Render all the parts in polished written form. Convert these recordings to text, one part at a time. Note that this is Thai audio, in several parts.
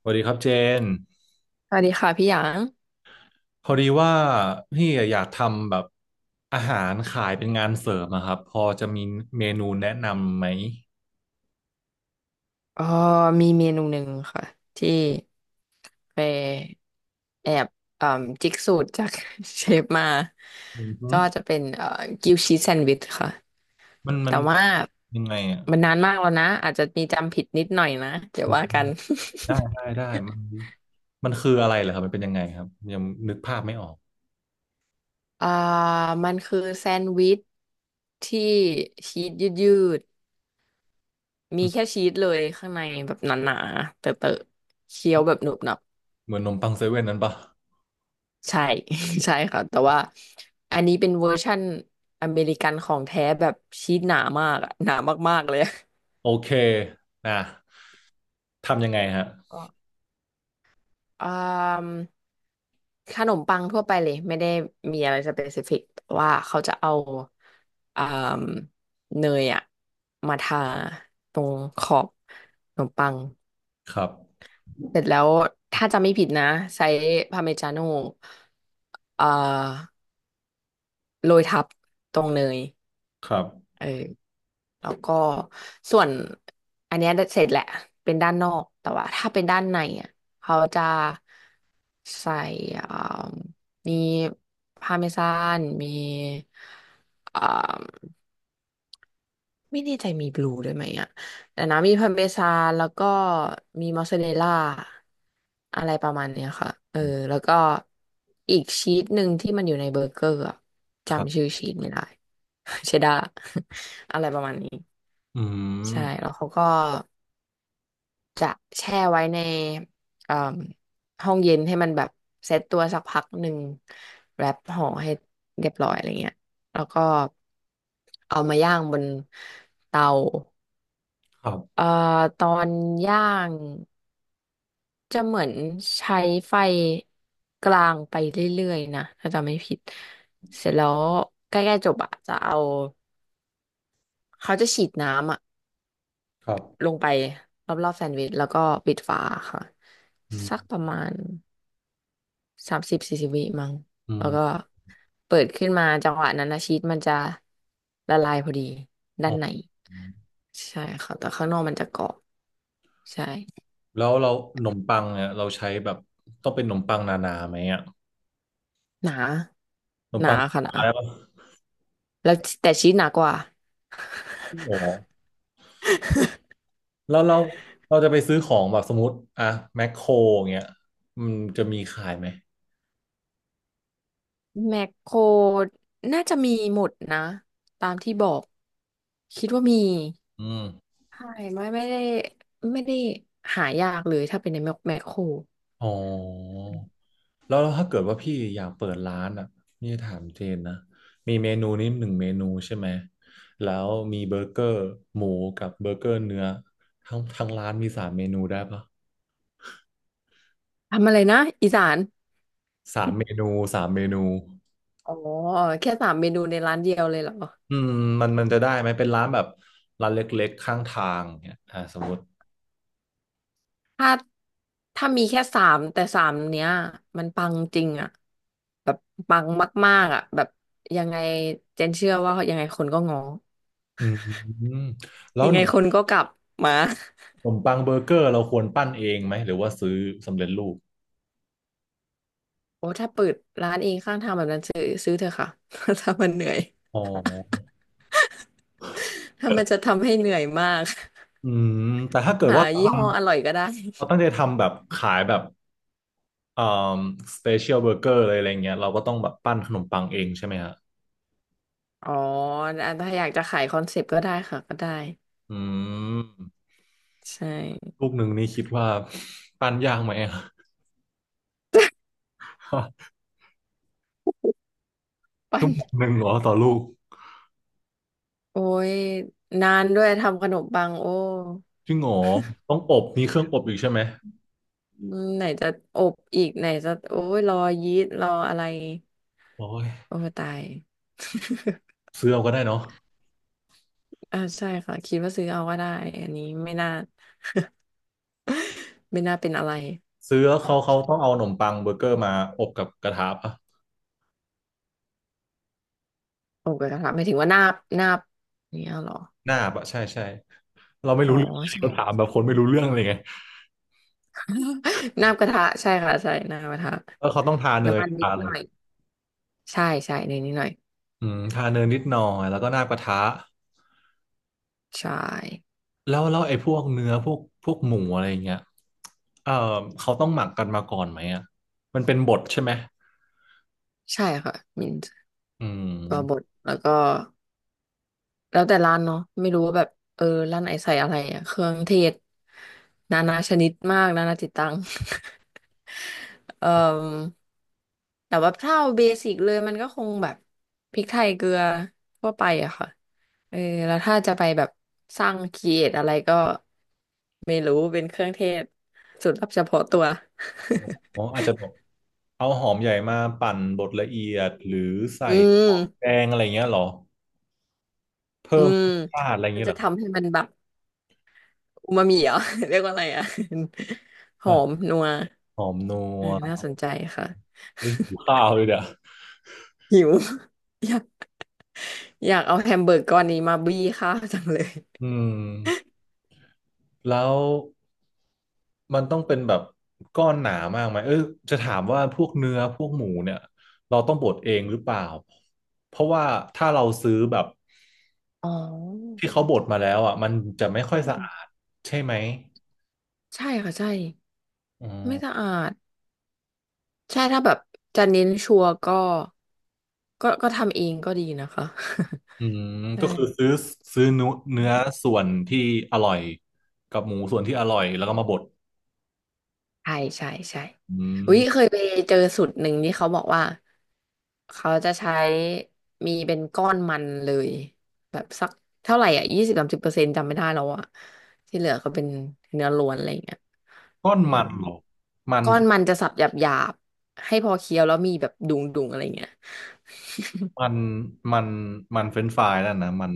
สวัสดีครับเจนสวัสดีค่ะพี่หยางพอดีว่าพี่อยากทำแบบอาหารขายเป็นงานเสริมอะครับพอจะมีเมนูแนะนำไหมเอ๋อมีเมนูหนึ่งค่ะที่ไปแอบเอ่มจิกสูตรจาก เชฟมาอือฮึก็จะเป็นกิวชีสแซนด์วิชค่ะมันมัแต่นว่ายังไงอะมันนานมากแล้วนะอาจจะมีจำผิดนิดหน่อยนะเดี๋ยวว่ากัน ได้ได้ได้มันคืออะไรเหรอครับมันเป็นยังไงครับยังนึกภาพไม่ออก อ่ามันคือแซนด์วิชที่ชีสยืดๆมีอืมแค่ชีสเลยข้างในแบบหนาๆเตอะๆเคี้ยวแบบหนุบหนับ เหมือนนมปังเซเว่นนั้นปะใช่ ใช่ค่ะแต่ว่าอันนี้เป็นเวอร์ชั่นอเมริกันของแท้แบบชีสหนามากอะหนามากๆเลยอะโอเคนะทำยังไงฮะก็อามขนมปังทั่วไปเลยไม่ได้มีอะไรสเปซิฟิกว่าเขาจะเอาอมเนยอะมาทาตรงขอบขนมปังครับเสร็จแล้วถ้าจำไม่ผิดนะใช้พาร์เมจาโน่เอ่โรยทับตรงเนย ครับเออแล้วก็ส่วนอันเนี้ยเสร็จแหละเป็นด้านนอกแต่ว่าถ้าเป็นด้านในอ่ะเขาจะใส่อ่ามีพาเมซานมีอ่าไม่แน่ใจมีบลูด้วยไหมอ่ะแต่นะมีพาเมซานแล้วก็มีมอสซาเรลล่าอะไรประมาณเนี้ยค่ะเออแล้วก็อีกชีสหนึ่งที่มันอยู่ในเบอร์เกอร์อะครัจำชื่อบชีสไม่ได้ เชดดาร์ อะไรประมาณนี้ อืใช่มแล้วเขาก็จะแช่ไว้ในเอ่มห้องเย็นให้มันแบบเซตตัวสักพักหนึ่งแรปห่อให้เรียบร้อยอะไรเงี้ยแล้วก็เอามาย่างบนเตาครับเอ่อตอนย่างจะเหมือนใช้ไฟกลางไปเรื่อยๆนะถ้าจำไม่ผิดเสร็จแล้วใกล้ๆจบอะจะเอาเขาจะฉีดน้ำอะ ครับลงไปรอบๆแซนด์วิชแล้วก็ปิดฝาค่ะอืสักมประมาณ30-40 วิมั้งอืแล้มวก็เปิดขึ้นมาจังหวะนั้นนะชีสมันจะละลายพอดีด้าอ๋อ นในใช่ค่ะแต่ข้างนอกมันจะกรอบใช่แล้วเราขนมปังเนี่ยเราใช้แบบต้องเป็นขนมปังนานาไหมอ่ะหนาขนมหนาปังค่ะหอะนาไรปะแล้วแต่ชีสหนากว่า โอ้แล้วเราจะไปซื้อของแบบสมมติอะแมคโครเงี้ยมันจะมีขายไหม แมคโครน่าจะมีหมดนะตามที่บอกคิดว่ามีอืมใช่ไม่ได้ไม่ได้หายากเลยถ้าเป็นในแมคแมคโคร อ๋อแล้วถ้าเกิดว่าพี่อยากเปิดร้านอ่ะนี่ถามเจนนะมีเมนูนี้หนึ่งเมนูใช่ไหมแล้วมีเบอร์เกอร์หมูกับเบอร์เกอร์เนื้อทั้งร้านมีสามเมนูได้ปะทำอะไรนะอีสานสามเมนูสามเมนู อ๋อแค่สามเมนูในร้านเดียวเลยเหรออืมมันจะได้ไหมเป็นร้านแบบร้านเล็กๆข้างทางเนี่ยอ่าสมมติถ้าถ้ามีแค่สามแต่สามเนี้ยมันปังจริงอะแบบปังมากๆอะแบบยังไงเจนเชื่อว่ายังไงคนก็งออืมแล้วยัขงไงนมคนก็กลับมา ขนมปังเบอร์เกอร์เราควรปั้นเองไหมหรือว่าซื้อสำเร็จรูปโอ้ถ้าเปิดร้านเองข้างทางแบบนั้นซื้อเถอะค่ะ ถ้ามันเหนื่อย อ๋อ ถ้ามันจะทำให้เหนื่อยมาก อืมแต่ถ้าเกิ ดหาว่าเรายี่ทห้ออร่อยก็ได้ ำเราตั้งใจ ทำแบบขายแบบอ่าสเปเชียลเบอร์เกอร์อะไรอะไรเงี้ยเราก็ต้องแบบปั้นขนมปังเองใช่ไหมฮะอ๋ออ่ะถ้าอยากจะขายคอนเซปต์ก็ได้ค่ะก็ได้อืมใช่ ลูกหนึ่งนี่คิดว่า ปั้นยากไหมอะ ปั้ชั่น วโมงหนึ่งเหรอต่อลูกโอ้ยนานด้วยทำขนมปังโอ้จริงเหรอต้องอบมีเครื่องอบอีกใช่ไหมอืมไหนจะอบอีกไหนจะโอ้ยรอยีสต์รออะไรโอ้ยโอ้ตาย ซื้อเอาก็ได้เนาะ ใช่ค่ะคิดว่าซื้อเอาก็ได้อันนี้ไม่น่าเป็นอะไรซื้อแล้วเขาต้องเอาขนมปังเบอร์เกอร์มาอบกับกระทะปะโอ้กระทะหมายถึงว่านาบอย่างเนี้ยเหรอหน้าปะใช่ใช่เราไม่อ๋อรู้เรื่องใช่ เราถามแบบคนไม่รู้เรื่องเลยไง นาบกระทะใช่ค่ะใช่นาบกระทะแล้วเขาต้องทาเนน้ำยมันนิทาดเนหน่ยอยใช่ใช่ในนิดหน่อยอืมทาเนยนิดหน่อยแล้วก็หน้ากระทะใช่แล้วไอ้พวกเนื้อพวกหมูอะไรอย่างเงี้ยเออเขาต้องหมักกันมาก่อนไหมอ่ะมันเป็นบดใช่ไหมใช่ค่ะมินอืตัวบมดแล้วก็ แล้วแต่ร้านเนาะไม่รู้ว่าแบบเออร้านไหนใส่อะไรอะเครื่องเทศนานาชนิดมากนานาจิตตัง เอ่อแต่ว่าถ้าเอาเบสิกเลยมันก็คงแบบพริกไทยเกลือทั่วไปอะค่ะเออแล้วถ้าจะไปแบบสร้างครีเอทอะไรก็ไม่รู้เป็นเครื่องเทศสูตรลับเฉพาะตัว อ๋ออาจจะแบบเอาหอมใหญ่มาปั่นบดละเอียดหรือ ใส่อืหมอมแดงอะไรเงี้ยเหรอเพิ่อืมมรสชาติอะไรน่าเงี้ยเหจะรอ ทำให้มันแบบอูมามิเหรอ เรียกว่าอะไรอ่ะ หอมนัว หอมนัเอวอน่าสนใจค่ะ อุ๊ยหิวข้าวเลยเดี๋ยว หิว อยากอยากเอาแฮมเบอร์กก้อนนี้มาบี้ข้าวจังเลยอืมแล้วมันต้องเป็นแบบก้อนหนามากไหมเออจะถามว่าพวกเนื้อพวกหมูเนี่ยเราต้องบดเองหรือเปล่าเพราะว่าถ้าเราซื้อแบบอ๋อที่เขาบดมาแล้วอ่ะมันจะไม่ค่อยอืสะอามดใช่ไหมใช่ค่ะใช่อืไม่สะมอาดใช่ถ้าแบบจะเน้นชัวร์ก็ก็ทำเองก็ดีนะคะ อืม ใช่ ก็คือซื้อเนื้อส่วนที่อร่อยกับหมูส่วนที่อร่อยแล้วก็มาบดใช่ใช่ใช่อือุ๊ยเคมยไปเจอสูตรหนึ่งที่เขาบอกว่าเขาจะใช้มีเป็นก้อนมันเลยแบบสักเท่าไหร่อ่ะ20-30%จำไม่ได้แล้วอ่ะที่เหลือก็เป็นเนื้อล้วนอะไรอย่างเงี้ยก้อนอืมมันเหรอมันก้อนมันจะสับหยาบๆให้พอเคี้ยวแล้วมีแบบดุงๆอะไรอย่างเงี้ยมันมันมันเฟรนช์ฟรายนั่นนะมัน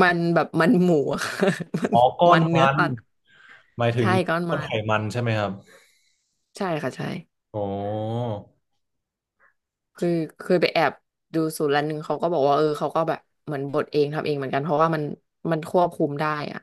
มันแบบมันหมูอะ มันอ๋อก้อมันนเนื้อมันสัตว์หมายถึงใช่ก้อนก้อมันไขนมันใช่ไหมครับใช่ค่ะใช่ อ๋อคือเคยไปแอบดูสูตรร้านหนึ่งเขาก็บอกว่าเออเขาก็แบบเหมือนบดเองทำเองเหมือนกันเพราะว่ามันควบคุมได้อะ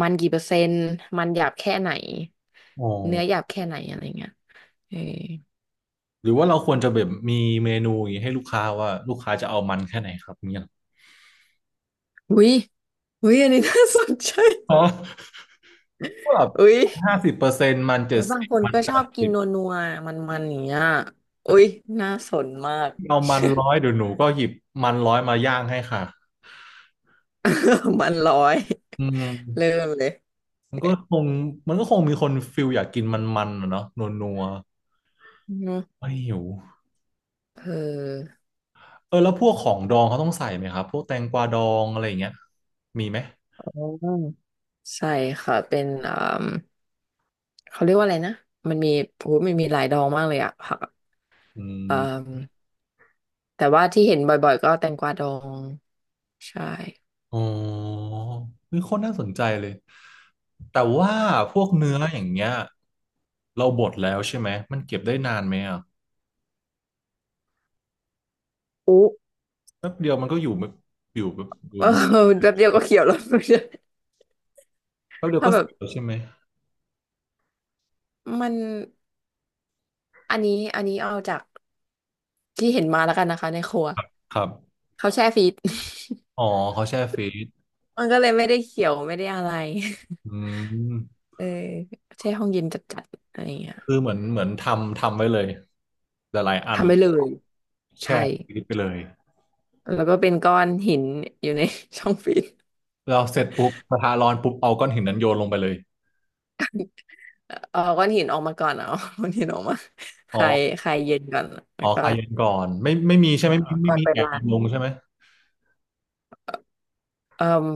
มันกี่เปอร์เซ็นต์มันหยาบแค่ไหนอ๋อเนื้อหยาบแค่ไหนอะไรเงี้ยเออหรือว่าเราควรจะแบบมีเมนูอย่างนี้ให้ลูกค้าว่าลูกค้าจะเอามันแค่ไหนครับเนี่ยอุ้ยอุ้ยอันนี้น่าสนใจอ๋อแบบอุ้ย50%มันเอเจ็อดบางสิบคนมันก็แปชอดบกิสินบนัวๆมันๆอย่างเงี้ยถ้าอุ้ยพี่น่าสนมาก เอามันร้อยเดี๋ยวหนูก็หยิบมันร้อยมาย่างให้ค่ะ มันร้อยอืเริ่มมเลยมันก็คงมันก็คงมีคนฟิลอยากกินมันๆอะเนาะนัวอืๆมไม่หิวเออเออแล้วพวกของดองเขาต้องใส่ไหมครับพวกแตงกวาดองอะไรอย่างเงี้ยมีไหม อ๋อใช่ค่ะเป็น เขาเรียกว่าอะไรนะมันมีโอ้โหมันมีหลายดองมากเลยอะผักอะอืเอ่อมแต่ว่าที่เห็นบ่อยๆก็แตงกวาดองใช่อ๋อนี่โคตรน่าสนใจเลย แต่ว่าพวกเนื้ออย่างเงี้ยเราบดแล้วใช่ไหม มันเก็บได้นานไหมอ่ะอุ๊ แป๊บเดียวมันก็อยู่ไม่อยู่แบบอ ยู่เออไม่แป๊บเดียวก็เขียวแล้ว แป๊บ เดียวถ้าก็เสแบร็จบแล้วใช่ไหมมันอันนี้เอาจากที่เห็นมาแล้วกันนะคะในครัวครับเขาแช่ฟรีซ อ๋อเขาแช่ฟรีซมันก็เลยไม่ได้เขียวไม่ได้อะไร อื มเออแช่ห้องเย็นจัดๆอะไรอย่างเงี้ยคือเหมือนทำ ทำไว้เลยหลายๆอันทำไปเลยแช่ใช่ฟรีซไปเลย แล้วก็เป็นก้อนหินอยู่ใน ช่องฟรีซ เราเสร็จปุ๊บกระทะร้อนปุ๊บเอาก้อนหินนั้นโยนลงไปเลย เอาก้อนหินออกมาก่อนเอา ก้อนหินออกมาคอ๋อลายคลายเย็นก่อนแล้อ๋อวก็คาเย็นก่อน ไม่ไม่มีใช่เอ๋อไหมไม่ไม่ก่อนมีไปแอบร้านลงใช่ไหม เอ่อ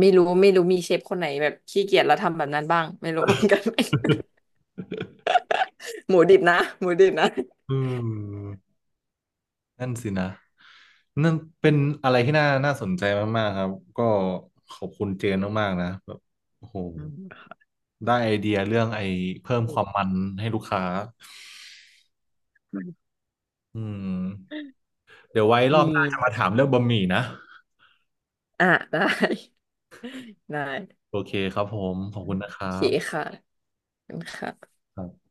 ไม่รู้มีเชฟคนไหนแบบขี้เกียจแล้วทำแบบนั้นบ้างไม่รู้ เหมือนกัน หมูดิบนะหมูดิบนะอืม นั่นสินะนั่นเป็นอะไรที่น่าสนใจมากๆครับก็ขอบคุณเจนมากๆนะแบบโอ้โหอืม ได้ไอเดียเรื่องไอ้เพิ่มความมันให้ลูกค้า อืมเดี๋ยวไว้รอบมีหน้าจะมาถามเรื่องบะหมี่นะอ่ะได้ ได้โอเคครับผมขอบคุณนะคโอรัเคบค่ะขอบคุณค่ะครับ